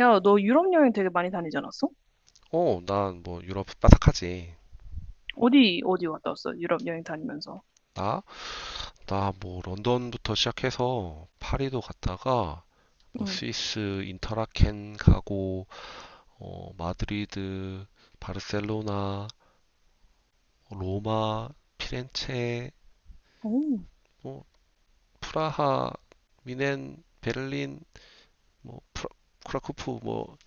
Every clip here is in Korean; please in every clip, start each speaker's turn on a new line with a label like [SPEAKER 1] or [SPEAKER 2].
[SPEAKER 1] 야, 너 유럽 여행 되게 많이 다니지 않았어?
[SPEAKER 2] 어, 난 뭐 유럽 빠삭하지.
[SPEAKER 1] 어디 갔다 왔어? 유럽 여행 다니면서.
[SPEAKER 2] 나? 나 뭐 런던부터 시작해서 파리도 갔다가 뭐
[SPEAKER 1] 응.
[SPEAKER 2] 스위스 인터라켄 가고 마드리드, 바르셀로나, 로마, 피렌체,
[SPEAKER 1] 오.
[SPEAKER 2] 뭐 프라하, 미넨, 베를린, 뭐 크라쿠프 뭐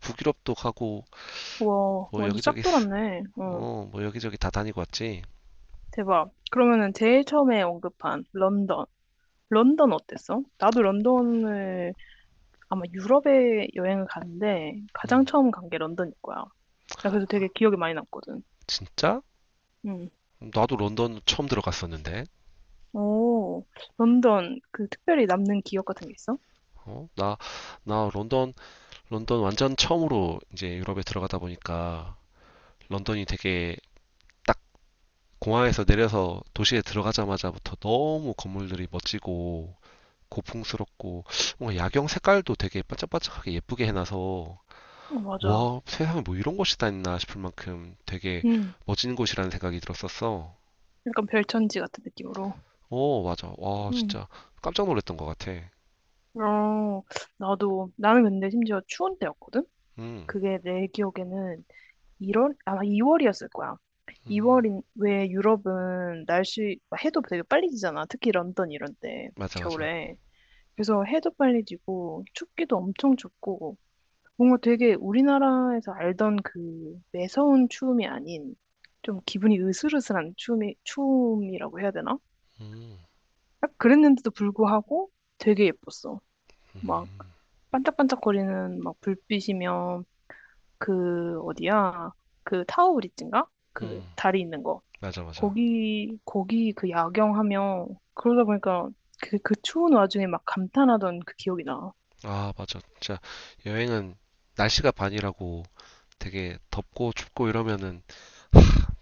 [SPEAKER 2] 북유럽도 가고
[SPEAKER 1] 와,
[SPEAKER 2] 뭐
[SPEAKER 1] 완전
[SPEAKER 2] 여기저기
[SPEAKER 1] 싹 돌았네. 어,
[SPEAKER 2] 뭐 여기저기 다 다니고 왔지.
[SPEAKER 1] 대박. 그러면은 제일 처음에 언급한 런던. 런던 어땠어? 나도 런던을 아마 유럽에 여행을 갔는데 가장 처음 간 게 런던일 거야. 나 그래서 되게 기억이 많이 남거든.
[SPEAKER 2] 진짜?
[SPEAKER 1] 응.
[SPEAKER 2] 나도 런던 처음 들어갔었는데.
[SPEAKER 1] 오, 런던 그 특별히 남는 기억 같은 게 있어?
[SPEAKER 2] 어? 나 런던 완전 처음으로 이제 유럽에 들어가다 보니까 런던이 되게 딱, 공항에서 내려서 도시에 들어가자마자부터 너무 건물들이 멋지고 고풍스럽고 뭔가 야경 색깔도 되게 반짝반짝하게 예쁘게 해놔서
[SPEAKER 1] 어, 맞아.
[SPEAKER 2] 와, 세상에 뭐 이런 곳이 다 있나 싶을 만큼 되게
[SPEAKER 1] 응.
[SPEAKER 2] 멋진 곳이라는 생각이 들었었어.
[SPEAKER 1] 약간 별천지 같은 느낌으로.
[SPEAKER 2] 어, 맞아. 와, 진짜 깜짝 놀랐던 것 같아.
[SPEAKER 1] 어, 나는 근데 심지어 추운 때였거든?
[SPEAKER 2] 음,
[SPEAKER 1] 그게 내 기억에는 1월, 아마 2월이었을 거야.
[SPEAKER 2] 음,
[SPEAKER 1] 2월인, 왜 유럽은 날씨, 막 해도 되게 빨리 지잖아. 특히 런던 이런 때,
[SPEAKER 2] 맞아, 맞아.
[SPEAKER 1] 겨울에. 그래서 해도 빨리 지고, 춥기도 엄청 춥고, 뭔가 되게 우리나라에서 알던 그 매서운 추움이 아닌, 좀 기분이 으슬으슬한 추움이라고 해야 되나? 딱 그랬는데도 불구하고 되게 예뻤어. 막 반짝반짝거리는 막 불빛이면 그 어디야? 그 타워 브릿지인가? 그
[SPEAKER 2] 음,
[SPEAKER 1] 다리 있는 거.
[SPEAKER 2] 맞아, 맞아.
[SPEAKER 1] 거기 그 야경하면 그러다 보니까 그 추운 와중에 막 감탄하던 그 기억이 나.
[SPEAKER 2] 아, 맞아. 진짜 여행은 날씨가 반이라고, 되게 덥고 춥고 이러면은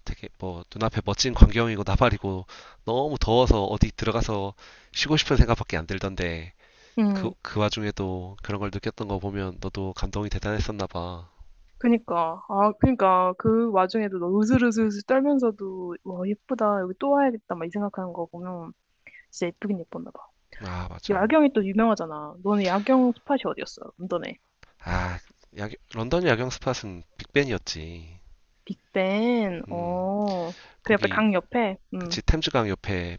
[SPEAKER 2] 되게 뭐 눈앞에 멋진 광경이고 나발이고 너무 더워서 어디 들어가서 쉬고 싶은 생각밖에 안 들던데,
[SPEAKER 1] 음.
[SPEAKER 2] 그 와중에도 그런 걸 느꼈던 거 보면 너도 감동이 대단했었나 봐.
[SPEAKER 1] 그니까 아 그니까 그 와중에도 너 으슬으슬 떨면서도 와 예쁘다 여기 또 와야겠다 막 이 생각하는 거 보면 진짜 예쁘긴 예뻤나 봐.
[SPEAKER 2] 아, 맞아.
[SPEAKER 1] 야경이 또 유명하잖아. 너는 야경 스팟이 어디였어? 런던에.
[SPEAKER 2] 아, 야, 런던 야경 스팟은 빅벤이었지.
[SPEAKER 1] 빅벤.
[SPEAKER 2] 음,
[SPEAKER 1] 어. 그 옆에
[SPEAKER 2] 거기
[SPEAKER 1] 강 옆에. 음.
[SPEAKER 2] 그치 템즈강 옆에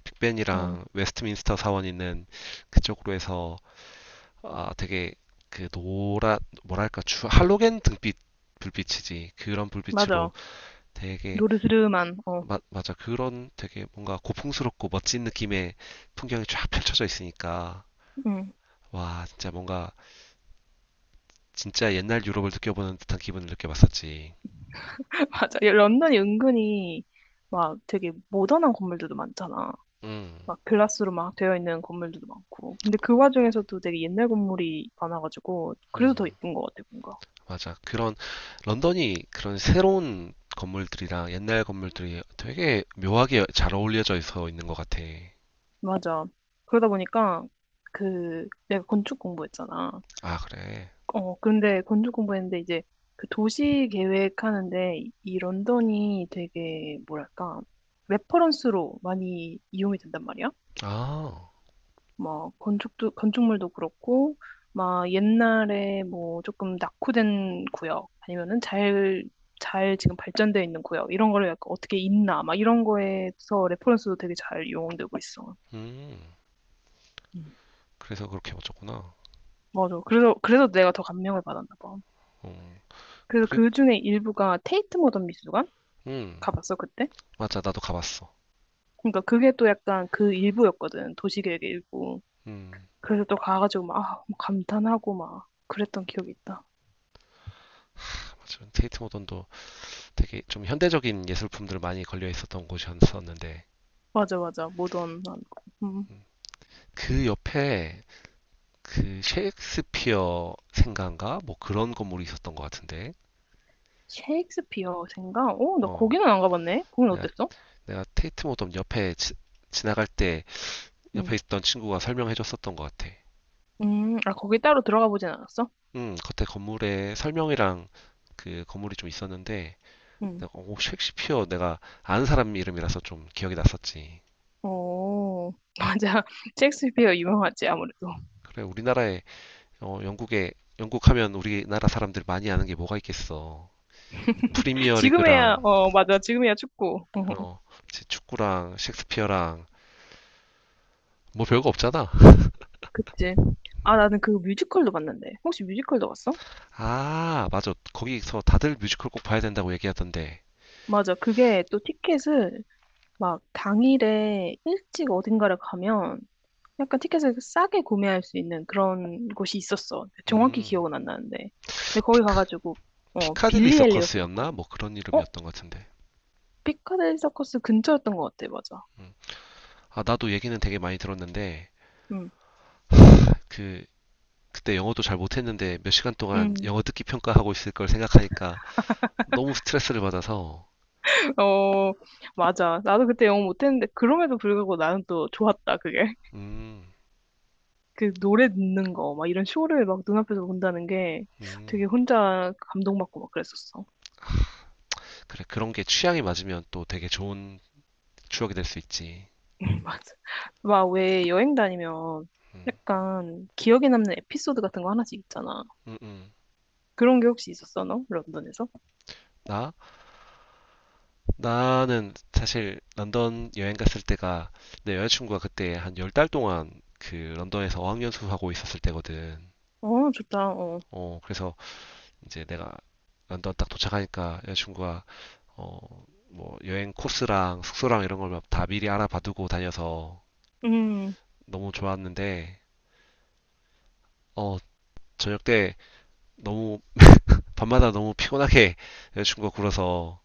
[SPEAKER 1] 응,
[SPEAKER 2] 빅벤이랑 웨스트민스터 사원 있는 그쪽으로 해서, 아, 되게 그노랗 뭐랄까 주 할로겐 등빛 불빛이지, 그런 불빛으로
[SPEAKER 1] 맞아.
[SPEAKER 2] 되게
[SPEAKER 1] 노르스름한, 어,
[SPEAKER 2] 맞아, 그런 되게 뭔가 고풍스럽고 멋진 느낌의 풍경이 쫙 펼쳐져 있으니까
[SPEAKER 1] 응,
[SPEAKER 2] 와, 진짜 뭔가 진짜 옛날 유럽을 느껴보는 듯한 기분을 느껴봤었지.
[SPEAKER 1] 맞아. 이 런던이 은근히 막 되게 모던한 건물들도 많잖아.
[SPEAKER 2] 음,
[SPEAKER 1] 막 글라스로 막 되어 있는 건물들도 많고. 근데 그 와중에서도 되게 옛날 건물이 많아가지고, 그래서
[SPEAKER 2] 음,
[SPEAKER 1] 더 예쁜 것 같아, 뭔가.
[SPEAKER 2] 맞아, 그런 런던이, 그런 새로운 건물들이랑 옛날 건물들이 되게 묘하게 잘 어울려져 있어 있는 것 같아.
[SPEAKER 1] 맞아. 그러다 보니까, 그, 내가 건축 공부했잖아.
[SPEAKER 2] 아 그래.
[SPEAKER 1] 어, 근데 건축 공부했는데 이제 그 도시 계획하는데 이 런던이 되게, 뭐랄까, 레퍼런스로 많이 이용이 된단 말이야.
[SPEAKER 2] 아,
[SPEAKER 1] 뭐 건축도 건축물도 그렇고 막 옛날에 뭐 조금 낙후된 구역 아니면은 잘 지금 발전되어 있는 구역 이런 거를 약간 어떻게 있나 막 이런 거에서 레퍼런스도 되게 잘 이용되고 있어.
[SPEAKER 2] 음.
[SPEAKER 1] 음.
[SPEAKER 2] 그래서 그렇게 맞췄구나.
[SPEAKER 1] 맞아. 그래서 내가 더 감명을 받았나 봐.
[SPEAKER 2] 음,
[SPEAKER 1] 그래서
[SPEAKER 2] 그리고,
[SPEAKER 1] 그 중에 일부가 테이트 모던 미술관
[SPEAKER 2] 음,
[SPEAKER 1] 가봤어 그때.
[SPEAKER 2] 맞아. 나도 가봤어.
[SPEAKER 1] 그러니까 그게 또 약간 그 일부였거든 도시계획의 일부.
[SPEAKER 2] 음,
[SPEAKER 1] 그래서 또 가가지고 막 아, 뭐 감탄하고 막 그랬던 기억이 있다.
[SPEAKER 2] 맞아. 테이트 모던도 되게 좀 현대적인 예술품들 많이 걸려 있었던 곳이었었는데,
[SPEAKER 1] 맞아, 맞아, 모던한 거. 음.
[SPEAKER 2] 음, 그 옆에 그 셰익스피어 생가인가? 뭐 그런 건물이 있었던 것 같은데,
[SPEAKER 1] 셰익스피어 생각? 어, 나
[SPEAKER 2] 어,
[SPEAKER 1] 거기는 안 가봤네. 거긴
[SPEAKER 2] 내가,
[SPEAKER 1] 어땠어?
[SPEAKER 2] 내가 테이트 모던 옆에 지나갈 때 옆에
[SPEAKER 1] 응,
[SPEAKER 2] 있던 친구가 설명해 줬었던 것 같아.
[SPEAKER 1] 아, 거기 따로 들어가 보진 않았어?
[SPEAKER 2] 겉에 건물에 설명이랑 그 건물이 좀 있었는데,
[SPEAKER 1] 응.
[SPEAKER 2] 오, 셰익스피어, 내가 아는 사람 이름이라서 좀 기억이 났었지.
[SPEAKER 1] 오 맞아. 셰익스피어 유명하지, 아무래도.
[SPEAKER 2] 그래, 영국에 영국하면 우리나라 사람들 많이 아는 게 뭐가 있겠어. 프리미어
[SPEAKER 1] 지금에야,
[SPEAKER 2] 리그랑
[SPEAKER 1] 어, 맞아. 지금에야 축구. 어,
[SPEAKER 2] 어 이제 축구랑 셰익스피어랑 뭐 별거 없잖아.
[SPEAKER 1] 그치. 아, 나는 그 뮤지컬도 봤는데. 혹시 뮤지컬도 봤어?
[SPEAKER 2] 아 맞아, 거기서 다들 뮤지컬 꼭 봐야 된다고 얘기하던데.
[SPEAKER 1] 맞아. 그게 또 티켓을 막 당일에 일찍 어딘가를 가면 약간 티켓을 싸게 구매할 수 있는 그런 곳이 있었어. 정확히
[SPEAKER 2] 음,
[SPEAKER 1] 기억은 안 나는데. 근데 거기
[SPEAKER 2] 피크
[SPEAKER 1] 가가지고, 어,
[SPEAKER 2] 피카딜리
[SPEAKER 1] 빌리 엘리엇을
[SPEAKER 2] 서커스였나
[SPEAKER 1] 봤거든.
[SPEAKER 2] 뭐 그런
[SPEAKER 1] 어?
[SPEAKER 2] 이름이었던 것 같은데.
[SPEAKER 1] 피카델리 서커스 근처였던 것 같아, 맞아.
[SPEAKER 2] 아, 나도 얘기는 되게 많이 들었는데,
[SPEAKER 1] 응.
[SPEAKER 2] 그 그때 영어도 잘 못했는데 몇 시간 동안
[SPEAKER 1] 응.
[SPEAKER 2] 영어 듣기 평가하고 있을 걸 생각하니까 너무 스트레스를 받아서.
[SPEAKER 1] 어, 맞아. 나도 그때 영어 못했는데, 그럼에도 불구하고 나는 또 좋았다, 그게.
[SPEAKER 2] 음,
[SPEAKER 1] 그 노래 듣는 거, 막 이런 쇼를 막 눈앞에서 본다는 게
[SPEAKER 2] 음,
[SPEAKER 1] 되게 혼자 감동받고 막 그랬었어.
[SPEAKER 2] 그런 게 취향이 맞으면 또 되게 좋은 추억이 될 수 있지.
[SPEAKER 1] 맞아. 막 왜 여행 다니면
[SPEAKER 2] 음.
[SPEAKER 1] 약간 기억에 남는 에피소드 같은 거 하나씩 있잖아.
[SPEAKER 2] 음, 음.
[SPEAKER 1] 그런 게 혹시 있었어, 너? 런던에서?
[SPEAKER 2] 나? 나는 사실 런던 여행 갔을 때가 내 여자친구가 그때 한 열 달 동안 그 런던에서 어학연수 하고 있었을 때거든.
[SPEAKER 1] 어, 좋다, 어.
[SPEAKER 2] 그래서 이제 내가 런던 딱 도착하니까 여자친구가 어, 뭐 여행 코스랑 숙소랑 이런 걸 다 미리 알아봐두고 다녀서
[SPEAKER 1] 음.
[SPEAKER 2] 너무 좋았는데, 어, 저녁 때 너무, 밤마다 너무 피곤하게 여자친구가 굴어서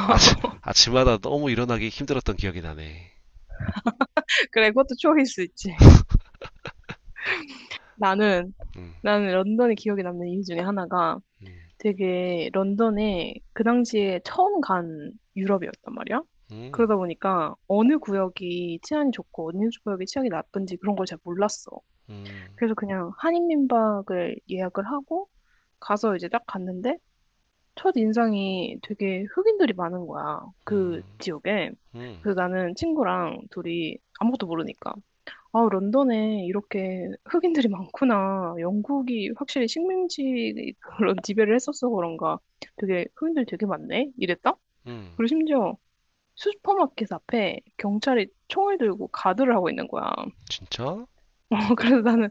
[SPEAKER 2] 아침, 아침마다 너무 일어나기 힘들었던 기억이 나네.
[SPEAKER 1] 그래, 그것도 추억일 수 있지. 나는
[SPEAKER 2] 음,
[SPEAKER 1] 나는 런던에 기억에 남는 이유 중에 하나가
[SPEAKER 2] 음,
[SPEAKER 1] 되게 런던에 그 당시에 처음 간 유럽이었단 말이야.
[SPEAKER 2] 음,
[SPEAKER 1] 그러다 보니까 어느 구역이 치안이 좋고 어느 구역이 치안이 나쁜지 그런 걸 잘 몰랐어.
[SPEAKER 2] 음,
[SPEAKER 1] 그래서 그냥 한인민박을 예약을 하고 가서 이제 딱 갔는데 첫 인상이 되게 흑인들이 많은 거야. 그
[SPEAKER 2] 음,
[SPEAKER 1] 지역에.
[SPEAKER 2] 음,
[SPEAKER 1] 그래서 나는 친구랑 둘이 아무것도 모르니까 아, 런던에 이렇게 흑인들이 많구나. 영국이 확실히 식민지 그런 지배를 했었어 그런가. 되게 흑인들 되게 많네. 이랬다?
[SPEAKER 2] 음.
[SPEAKER 1] 그리고 심지어 슈퍼마켓 앞에 경찰이 총을 들고 가드를 하고 있는 거야.
[SPEAKER 2] 진짜?
[SPEAKER 1] 어, 그래서 나는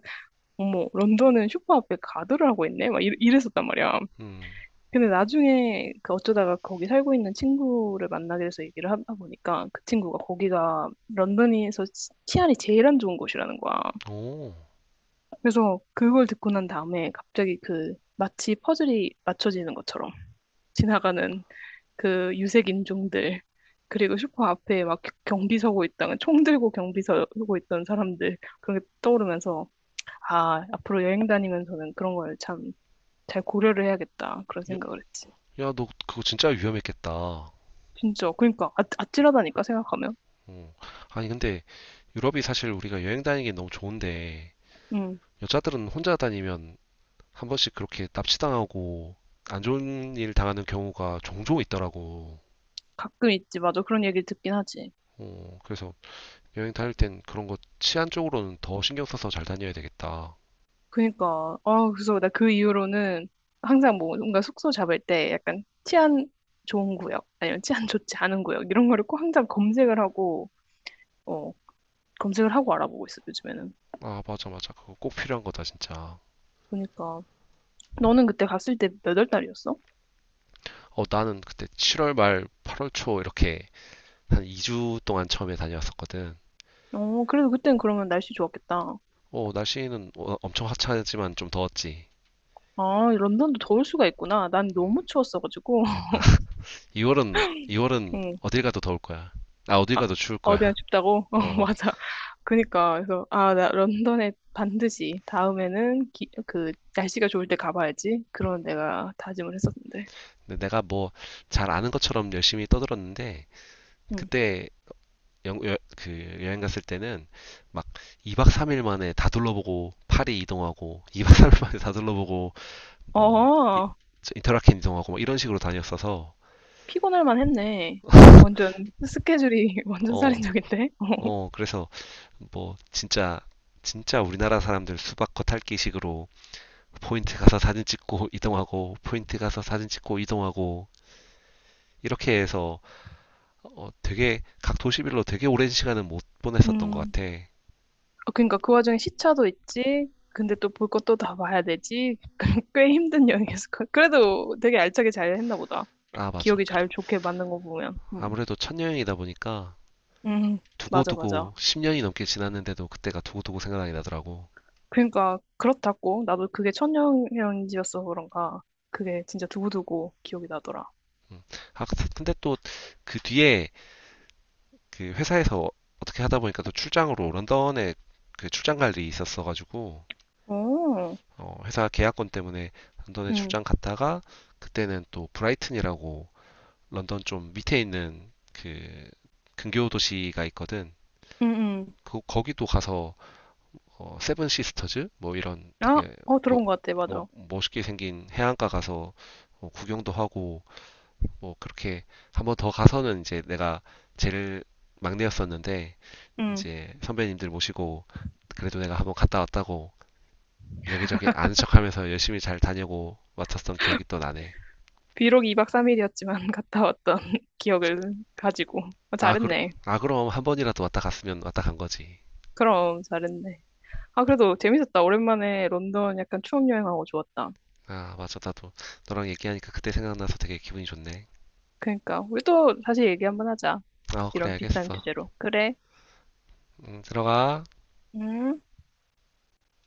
[SPEAKER 1] 어머 런던은 슈퍼 앞에 가드를 하고 있네. 막 이랬었단 말이야.
[SPEAKER 2] 음,
[SPEAKER 1] 근데 나중에 그 어쩌다가 거기 살고 있는 친구를 만나게 돼서 얘기를 하다 보니까 그 친구가 거기가 런던에서 치안이 제일 안 좋은 곳이라는 거야.
[SPEAKER 2] 오.
[SPEAKER 1] 그래서 그걸 듣고 난 다음에 갑자기 그 마치 퍼즐이 맞춰지는 것처럼 지나가는 그 유색 인종들 그리고 슈퍼 앞에 막 경비 서고 있다가 총 들고 경비 서고 있던 사람들 그런 게 떠오르면서 아 앞으로 여행 다니면서는 그런 걸 참 잘 고려를 해야겠다 그런
[SPEAKER 2] 야,
[SPEAKER 1] 생각을 했지.
[SPEAKER 2] 야, 너 그거 진짜 위험했겠다.
[SPEAKER 1] 진짜 그러니까 아, 아찔하다니까 생각하면.
[SPEAKER 2] 어. 아니, 근데 유럽이 사실 우리가 여행 다니기 너무 좋은데
[SPEAKER 1] 음.
[SPEAKER 2] 여자들은 혼자 다니면 한 번씩 그렇게 납치당하고 안 좋은 일 당하는 경우가 종종 있더라고.
[SPEAKER 1] 가끔 있지 맞아 그런 얘기를 듣긴 하지.
[SPEAKER 2] 어, 그래서 여행 다닐 땐 그런 거 치안 쪽으로는 더 신경 써서 잘 다녀야 되겠다.
[SPEAKER 1] 그니까, 아, 그래서 나 그 이후로는 항상 뭐 뭔가 숙소 잡을 때 약간 치안 좋은 구역, 아니면 치안 좋지 않은 구역, 이런 거를 꼭 항상 검색을 하고, 어, 검색을 하고 알아보고 있어, 요즘에는.
[SPEAKER 2] 아, 맞아, 맞아. 그거 꼭 필요한 거다, 진짜.
[SPEAKER 1] 그니까. 너는 그때 갔을 때 몇 월 달이었어?
[SPEAKER 2] 어, 나는 그때 7월 말, 8월 초 이렇게 한 2주 동안 처음에 다녀왔었거든.
[SPEAKER 1] 어, 그래도 그땐 그러면 날씨 좋았겠다.
[SPEAKER 2] 어, 날씨는 엄청 화창하지만 좀 더웠지.
[SPEAKER 1] 아, 런던도 더울 수가 있구나. 난 너무 추웠어가지고.
[SPEAKER 2] 2월은 어딜 가도 더울 거야. 아, 어딜
[SPEAKER 1] 아,
[SPEAKER 2] 가도 추울
[SPEAKER 1] 어디나
[SPEAKER 2] 거야.
[SPEAKER 1] 춥다고? 어,
[SPEAKER 2] 어.
[SPEAKER 1] 맞아. 그니까, 그래서, 아, 나 런던에 반드시 다음에는 날씨가 좋을 때 가봐야지. 그런 내가 다짐을 했었는데.
[SPEAKER 2] 근데 내가 뭐 잘 아는 것처럼 열심히 떠들었는데,
[SPEAKER 1] 응.
[SPEAKER 2] 그때 그 여행 갔을 때는 막 2박 3일 만에 다 둘러보고 파리 이동하고 2박 3일 만에 다 둘러보고 뭐
[SPEAKER 1] 어,
[SPEAKER 2] 인터라켄 이동하고 막 이런 식으로 다녔어서.
[SPEAKER 1] 피곤할 만 했네. 완전 스케줄이 완전
[SPEAKER 2] 어,
[SPEAKER 1] 살인적인데?
[SPEAKER 2] 그래서 뭐 진짜 진짜 우리나라 사람들 수박겉 핥기식으로 포인트 가서 사진 찍고 이동하고, 포인트 가서 사진 찍고 이동하고, 이렇게 해서 되게 각 도시별로 되게 오랜 시간은 못 보냈었던 것
[SPEAKER 1] 음,
[SPEAKER 2] 같아.
[SPEAKER 1] 어, 그러니까 그 와중에 시차도 있지. 근데 또 볼 것도 다 봐야 되지. 꽤 힘든 여행이었을 거 그래도 되게 알차게 잘 했나 보다.
[SPEAKER 2] 아, 맞아.
[SPEAKER 1] 기억이
[SPEAKER 2] 그래.
[SPEAKER 1] 잘 좋게 만든 거 보면.
[SPEAKER 2] 아무래도 첫 여행이다 보니까
[SPEAKER 1] 음, 맞아, 맞아.
[SPEAKER 2] 두고두고 10년이 넘게 지났는데도 그때가 두고두고 생각이 나더라고.
[SPEAKER 1] 그러니까 그렇다고 나도 그게 천연현지여서 그런가 그게 진짜 두고두고 기억이 나더라.
[SPEAKER 2] 음. 아, 근데 또 그 뒤에 그 회사에서 어떻게 하다 보니까 또 출장으로 런던에 그 출장 갈 일이 있었어가지고.
[SPEAKER 1] 오,
[SPEAKER 2] 회사 계약권 때문에 런던에
[SPEAKER 1] 응,
[SPEAKER 2] 출장 갔다가 그때는 또 브라이튼이라고 런던 좀 밑에 있는 그 근교 도시가 있거든.
[SPEAKER 1] 응, 응.
[SPEAKER 2] 그 거기도 가서 세븐 시스터즈 뭐 이런
[SPEAKER 1] 아,
[SPEAKER 2] 되게
[SPEAKER 1] 어
[SPEAKER 2] 멋-
[SPEAKER 1] 들어본 것 같아, 맞아.
[SPEAKER 2] 멋있게 생긴 해안가 가서 구경도 하고 뭐 그렇게 한번 더 가서는, 이제 내가 제일 막내였었는데
[SPEAKER 1] 응.
[SPEAKER 2] 이제 선배님들 모시고, 그래도 내가 한번 갔다 왔다고 여기저기 아는 척하면서 열심히 잘 다녀고 왔었던 기억이 또 나네.
[SPEAKER 1] 비록 2박 3일이었지만 갔다 왔던 기억을 가지고 어,
[SPEAKER 2] 아,
[SPEAKER 1] 잘했네.
[SPEAKER 2] 아 그럼 한 번이라도 왔다 갔으면 왔다 간 거지.
[SPEAKER 1] 그럼 잘했네. 아 그래도 재밌었다. 오랜만에 런던 약간 추억 여행하고 좋았다.
[SPEAKER 2] 아 맞아, 나도 너랑 얘기하니까 그때 생각나서 되게 기분이 좋네.
[SPEAKER 1] 그러니까 우리 또 다시 얘기 한번 하자.
[SPEAKER 2] 아 그래
[SPEAKER 1] 이런 비싼
[SPEAKER 2] 알겠어.
[SPEAKER 1] 주제로. 그래.
[SPEAKER 2] 들어가.
[SPEAKER 1] 음.